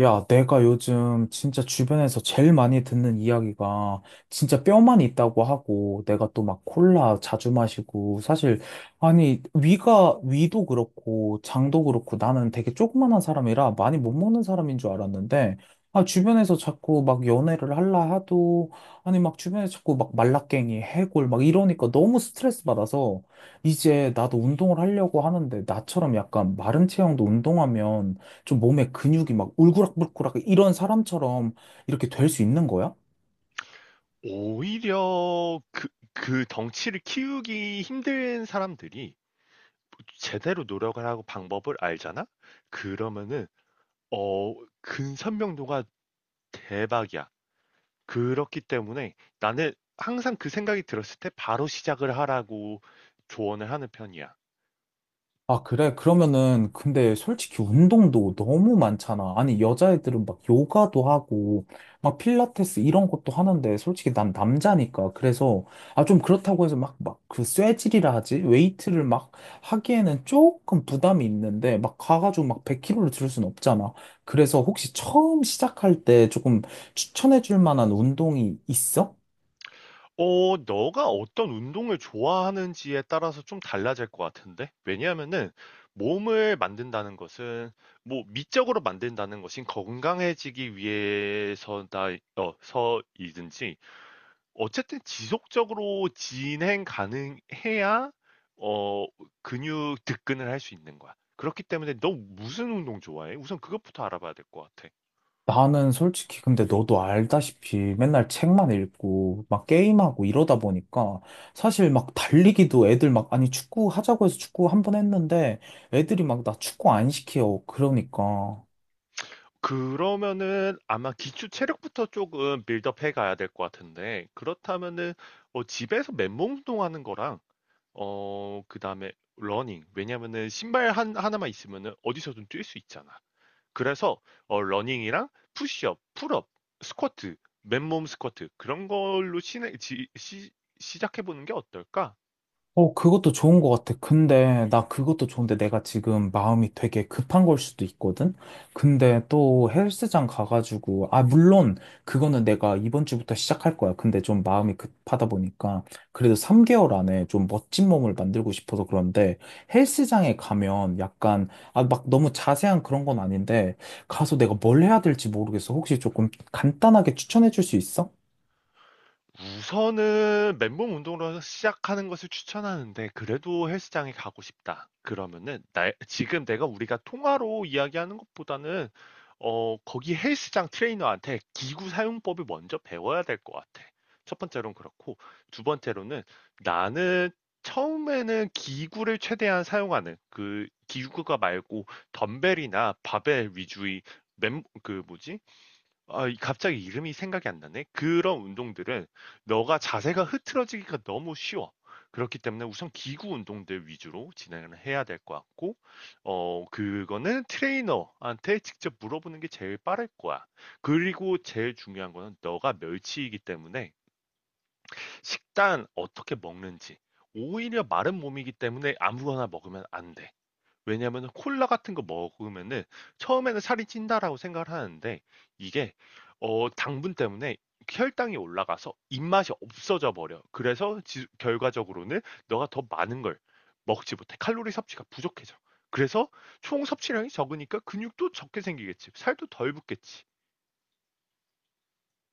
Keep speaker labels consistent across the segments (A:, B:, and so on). A: 야, 내가 요즘 진짜 주변에서 제일 많이 듣는 이야기가 진짜 뼈만 있다고 하고 내가 또 막 콜라 자주 마시고 사실 아니 위가 위도 그렇고 장도 그렇고 나는 되게 조그만한 사람이라 많이 못 먹는 사람인 줄 알았는데 아 주변에서 자꾸 막 연애를 할라 하도 아니 막 주변에 자꾸 막 말라깽이 해골 막 이러니까 너무 스트레스 받아서 이제 나도 운동을 하려고 하는데 나처럼 약간 마른 체형도 운동하면 좀 몸에 근육이 막 울그락불그락 이런 사람처럼 이렇게 될 수 있는 거야?
B: 오히려 그 덩치를 키우기 힘든 사람들이 제대로 노력을 하고 방법을 알잖아? 그러면은, 어, 근선명도가 대박이야. 그렇기 때문에 나는 항상 그 생각이 들었을 때 바로 시작을 하라고 조언을 하는 편이야.
A: 아, 그래? 그러면은, 근데 솔직히 운동도 너무 많잖아. 아니, 여자애들은 막 요가도 하고, 막 필라테스 이런 것도 하는데, 솔직히 난 남자니까. 그래서, 아, 좀 그렇다고 해서 막, 막 그 쇠질이라 하지? 웨이트를 막 하기에는 조금 부담이 있는데, 막 가가지고 막 100kg로 들을 순 없잖아. 그래서 혹시 처음 시작할 때 조금 추천해 줄 만한 운동이 있어?
B: 너가 어떤 운동을 좋아하는지에 따라서 좀 달라질 것 같은데? 왜냐하면은 몸을 만든다는 것은 뭐 미적으로 만든다는 것인 건강해지기 위해서다, 어, 서이든지 어쨌든 지속적으로 진행 가능해야 어, 근육 득근을 할 수 있는 거야. 그렇기 때문에 너 무슨 운동 좋아해? 우선 그것부터 알아봐야 될 것 같아.
A: 나는 솔직히 근데 너도 알다시피 맨날 책만 읽고 막 게임하고 이러다 보니까 사실 막 달리기도 애들 막 아니 축구 하자고 해서 축구 한번 했는데 애들이 막 나 축구 안 시켜. 그러니까.
B: 그러면은 아마 기초 체력부터 조금 빌드업 해 가야 될 것 같은데 그렇다면은 집에서 맨몸 운동하는 거랑 그다음에 러닝, 왜냐면은 신발 한 하나만 있으면은 어디서든 뛸 수 있잖아. 그래서 러닝이랑 푸시업, 풀업, 스쿼트, 맨몸 스쿼트 그런 걸로 시작해 보는 게 어떨까? 음.
A: 어, 그것도 좋은 것 같아. 근데, 나 그것도 좋은데 내가 지금 마음이 되게 급한 걸 수도 있거든? 근데 또 헬스장 가가지고, 아, 물론, 그거는 내가 이번 주부터 시작할 거야. 근데 좀 마음이 급하다 보니까, 그래도 3개월 안에 좀 멋진 몸을 만들고 싶어서 그런데, 헬스장에 가면 약간, 아, 막 너무 자세한 그런 건 아닌데, 가서 내가 뭘 해야 될지 모르겠어. 혹시 조금 간단하게 추천해 줄 수 있어?
B: 우선은 맨몸 운동으로 시작하는 것을 추천하는데 그래도 헬스장에 가고 싶다. 그러면은 나 지금 내가 우리가 통화로 이야기하는 것보다는 거기 헬스장 트레이너한테 기구 사용법을 먼저 배워야 될 것 같아. 첫 번째로는 그렇고, 두 번째로는 나는 처음에는 기구를 최대한 사용하는 그 기구가 말고 덤벨이나 바벨 위주의 맨, 그 뭐지? 아, 이 갑자기 이름이 생각이 안 나네. 그런 운동들은 너가 자세가 흐트러지기가 너무 쉬워. 그렇기 때문에 우선 기구 운동들 위주로 진행을 해야 될 것 같고, 어, 그거는 트레이너한테 직접 물어보는 게 제일 빠를 거야. 그리고 제일 중요한 거는 너가 멸치이기 때문에 식단 어떻게 먹는지, 오히려 마른 몸이기 때문에 아무거나 먹으면 안 돼. 왜냐하면 콜라 같은 거 먹으면은 처음에는 살이 찐다라고 생각을 하는데 이게 당분 때문에 혈당이 올라가서 입맛이 없어져 버려. 그래서 결과적으로는 너가 더 많은 걸 먹지 못해. 칼로리 섭취가 부족해져. 그래서 총 섭취량이 적으니까 근육도 적게 생기겠지. 살도 덜 붙겠지.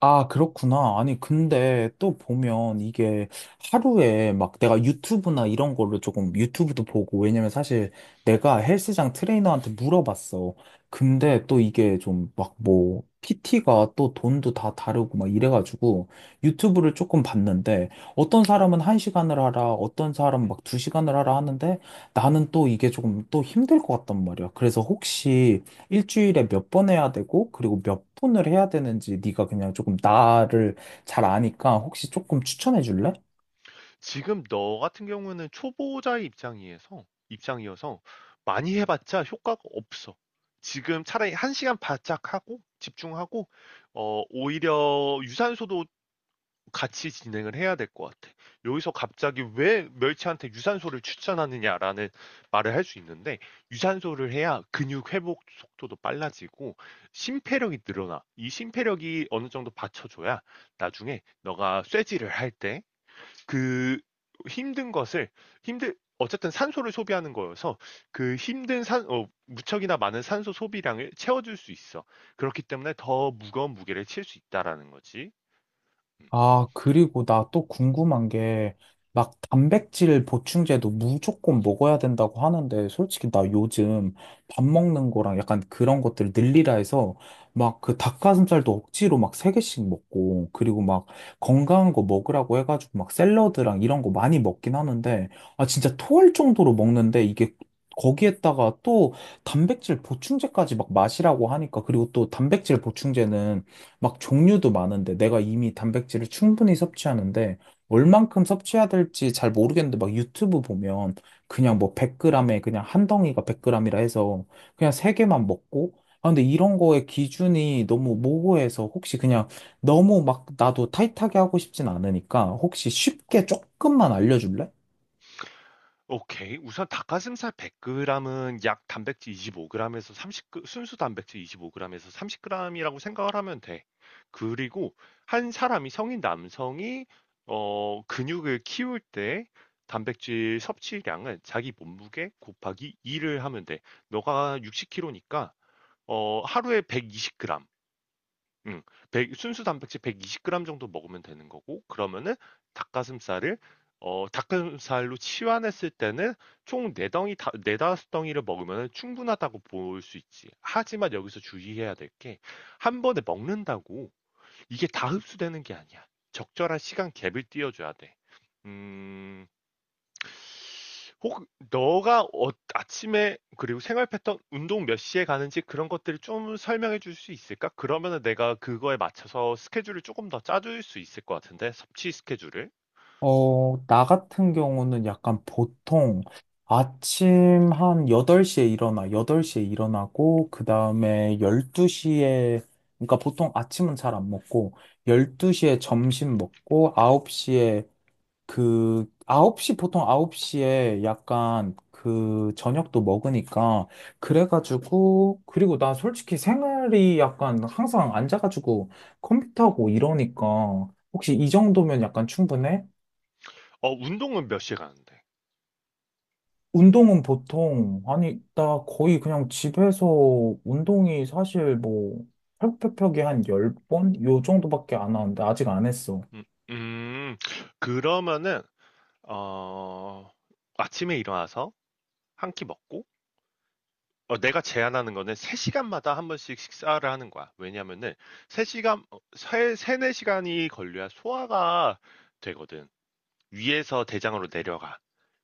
A: 아, 그렇구나. 아니, 근데 또 보면 이게 하루에 막 내가 유튜브나 이런 걸로 조금 유튜브도 보고, 왜냐면 사실 내가 헬스장 트레이너한테 물어봤어. 근데 또 이게 좀 막 뭐, PT가 또 돈도 다 다르고 막 이래가지고 유튜브를 조금 봤는데 어떤 사람은 한시간을 하라, 어떤 사람은 막 두시간을 하라 하는데 나는 또 이게 조금 또 힘들 것 같단 말이야. 그래서 혹시 일주일에 몇 번 해야 되고, 그리고 몇 분을 해야 되는지 네가 그냥 조금 나를 잘 아니까 혹시 조금 추천해 줄래?
B: 지금 너 같은 경우는 초보자의 입장이어서 입장이어서 많이 해봤자 효과가 없어. 지금 차라리 한 시간 바짝 하고 집중하고, 오히려 유산소도 같이 진행을 해야 될 것 같아. 여기서 갑자기 왜 멸치한테 유산소를 추천하느냐라는 말을 할 수 있는데, 유산소를 해야 근육 회복 속도도 빨라지고 심폐력이 늘어나. 이 심폐력이 어느 정도 받쳐줘야 나중에 너가 쇠질을 할때 그 힘든 것을 힘들 어쨌든 산소를 소비하는 거여서 무척이나 많은 산소 소비량을 채워줄 수 있어. 그렇기 때문에 더 무거운 무게를 칠 수 있다라는 거지.
A: 아, 그리고 나 또 궁금한 게, 막 단백질 보충제도 무조건 먹어야 된다고 하는데, 솔직히 나 요즘 밥 먹는 거랑 약간 그런 것들 늘리라 해서, 막 그 닭가슴살도 억지로 막 세개씩 먹고, 그리고 막 건강한 거 먹으라고 해가지고 막 샐러드랑 이런 거 많이 먹긴 하는데, 아, 진짜 토할 정도로 먹는데, 이게 거기에다가 또 단백질 보충제까지 막 마시라고 하니까, 그리고 또 단백질 보충제는 막 종류도 많은데 내가 이미 단백질을 충분히 섭취하는데 얼만큼 섭취해야 될지 잘 모르겠는데 막 유튜브 보면 그냥 뭐 100g에 그냥 한 덩이가 100g이라 해서 그냥 세 개만 먹고 아 근데 이런 거에 기준이 너무 모호해서 혹시 그냥 너무 막 나도 타이트하게 하고 싶진 않으니까 혹시 쉽게 조금만 알려줄래?
B: 오케이. 우선 닭가슴살 100 그램은 약 단백질 25 그램에서 30 그 순수 단백질 25 그램에서 30 그램이라고 생각을 하면 돼. 그리고 한 사람이 성인 남성이 근육을 키울 때 단백질 섭취량은 자기 몸무게 곱하기 2를 하면 돼. 너가 60kg니까 하루에 120 그램. 음. 백 순수 단백질 120g 정도 먹으면 되는 거고, 그러면은 닭가슴살을 어 닭가슴살로 치환했을 때는 총 4 덩이 다 4-5 덩이를 먹으면 충분하다고 볼 수 있지. 하지만 여기서 주의해야 될 게 한 번에 먹는다고 이게 다 흡수되는 게 아니야. 적절한 시간 갭을 띄워 줘야 돼. 음. 혹 너가 어 아침에 그리고 생활 패턴, 운동 몇 시에 가는지 그런 것들을 좀 설명해 줄 수 있을까? 그러면은 내가 그거에 맞춰서 스케줄을 조금 더 짜줄 수 있을 것 같은데, 섭취 스케줄을.
A: 어, 나 같은 경우는 약간 보통 아침 한 8시에 일어나, 8시에 일어나고, 그 다음에 12시에, 그러니까 보통 아침은 잘 안 먹고, 12시에 점심 먹고, 9시에 그, 9시, 보통 9시에 약간 그 저녁도 먹으니까, 그래가지고, 그리고 난 솔직히 생활이 약간 항상 앉아가지고 컴퓨터하고 이러니까, 혹시 이 정도면 약간 충분해?
B: 어, 운동은 몇 시에 가는데?
A: 운동은 보통, 아니, 나 거의 그냥 집에서 운동이 사실 뭐, 펴펴펴기 한 열 번 요 정도밖에 안 하는데, 아직 안 했어.
B: 음. 음. 그러면은 어 아침에 일어나서 한 끼 먹고, 내가 제안하는 거는 3 시간마다 한 번씩 식사를 하는 거야. 왜냐면은 3 시간 어 세 3-4 시간이 걸려야 소화가 되거든. 위에서 대장으로 내려가.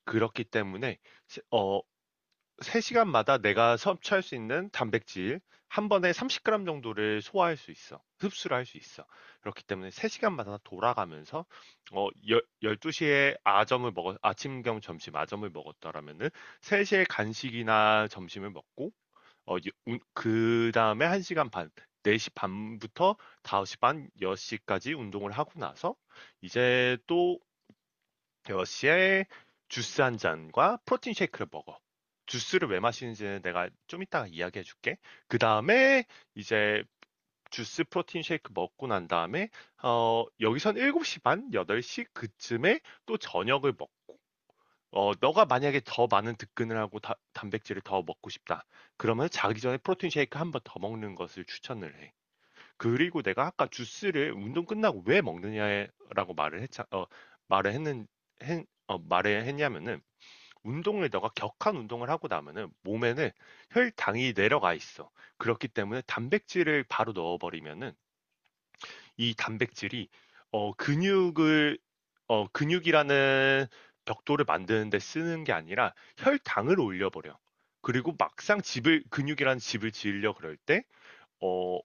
B: 그렇기 때문에 세- 어, 3시간마다 내가 섭취할 수 있는 단백질 한 번에 30g 정도를 소화할 수 있어. 흡수를 할 수 있어. 그렇기 때문에 3시간마다 돌아가면서, 어, 열, 12시에 아점을 먹어, 아침 겸 점심. 아점을 먹었더라면은 3시에 간식이나 점심을 먹고, 어, 그 다음에 1시간 반, 4시 반부터 5시 반, 6시까지 운동을 하고 나서, 이제 또 러시에 주스 한 잔과 프로틴 쉐이크를 먹어. 주스를 왜 마시는지는 내가 좀 이따가 이야기해 줄게. 그 다음에 이제 주스, 프로틴 쉐이크 먹고 난 다음에 어, 여기선 7시 반, 8시 그쯤에 또 저녁을 먹고, 어, 너가 만약에 더 많은 득근을 하고 단백질을 더 먹고 싶다. 그러면 자기 전에 프로틴 쉐이크 한 번 더 먹는 것을 추천을 해. 그리고 내가 아까 주스를 운동 끝나고 왜 먹느냐라고 말을 했자 어 말을 했는 했, 어, 말을 했냐면은, 운동을 너가 격한 운동을 하고 나면은 몸에는 혈당이 내려가 있어. 그렇기 때문에 단백질을 바로 넣어버리면은 이 단백질이 어 근육을 어 근육이라는 벽돌을 만드는 데 쓰는 게 아니라 혈당을 올려버려. 그리고 막상 집을 근육이라는 집을 지으려 그럴 때어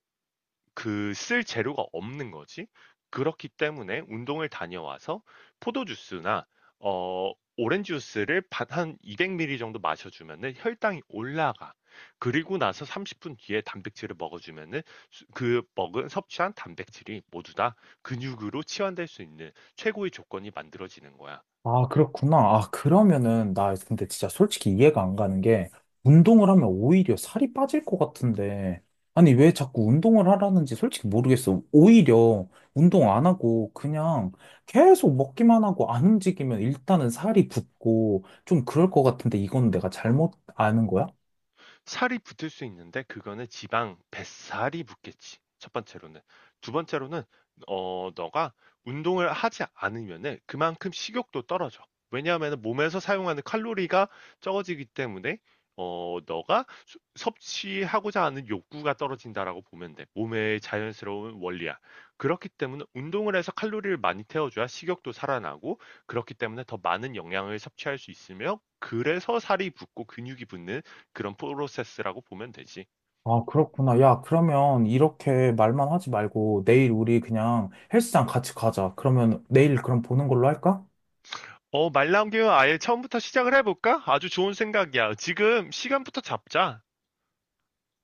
B: 그 쓸 재료가 없는 거지. 그렇기 때문에 운동을 다녀와서 포도 주스나 어, 오렌지 주스를 반 한 200ml 정도 마셔 주면은 혈당이 올라가. 그리고 나서 30분 뒤에 단백질을 먹어 주면은 수 그 먹은 섭취한 단백질이 모두 다 근육으로 치환될 수 있는 최고의 조건이 만들어지는 거야.
A: 아, 그렇구나. 아, 그러면은, 나 근데 진짜 솔직히 이해가 안 가는 게, 운동을 하면 오히려 살이 빠질 것 같은데, 아니, 왜 자꾸 운동을 하라는지 솔직히 모르겠어. 오히려 운동 안 하고, 그냥 계속 먹기만 하고 안 움직이면 일단은 살이 붙고, 좀 그럴 것 같은데, 이건 내가 잘못 아는 거야?
B: 살이 붙을 수 있는데, 그거는 지방, 뱃살이 붙겠지. 첫 번째로는. 두 번째로는 어, 너가 운동을 하지 않으면은 그만큼 식욕도 떨어져. 왜냐하면은 몸에서 사용하는 칼로리가 적어지기 때문에 너가 섭취하고자 하는 욕구가 떨어진다라고 보면 돼. 몸의 자연스러운 원리야. 그렇기 때문에 운동을 해서 칼로리를 많이 태워줘야 식욕도 살아나고, 그렇기 때문에 더 많은 영양을 섭취할 수 있으며, 그래서 살이 붙고 근육이 붙는 그런 프로세스라고 보면 되지.
A: 아, 그렇구나. 야, 그러면 이렇게 말만 하지 말고 내일 우리 그냥 헬스장 같이 가자. 그러면 내일 그럼 보는 걸로 할까?
B: 어, 말 나온 김에 아예 처음부터 시작을 해볼까? 아주 좋은 생각이야. 지금 시간부터 잡자.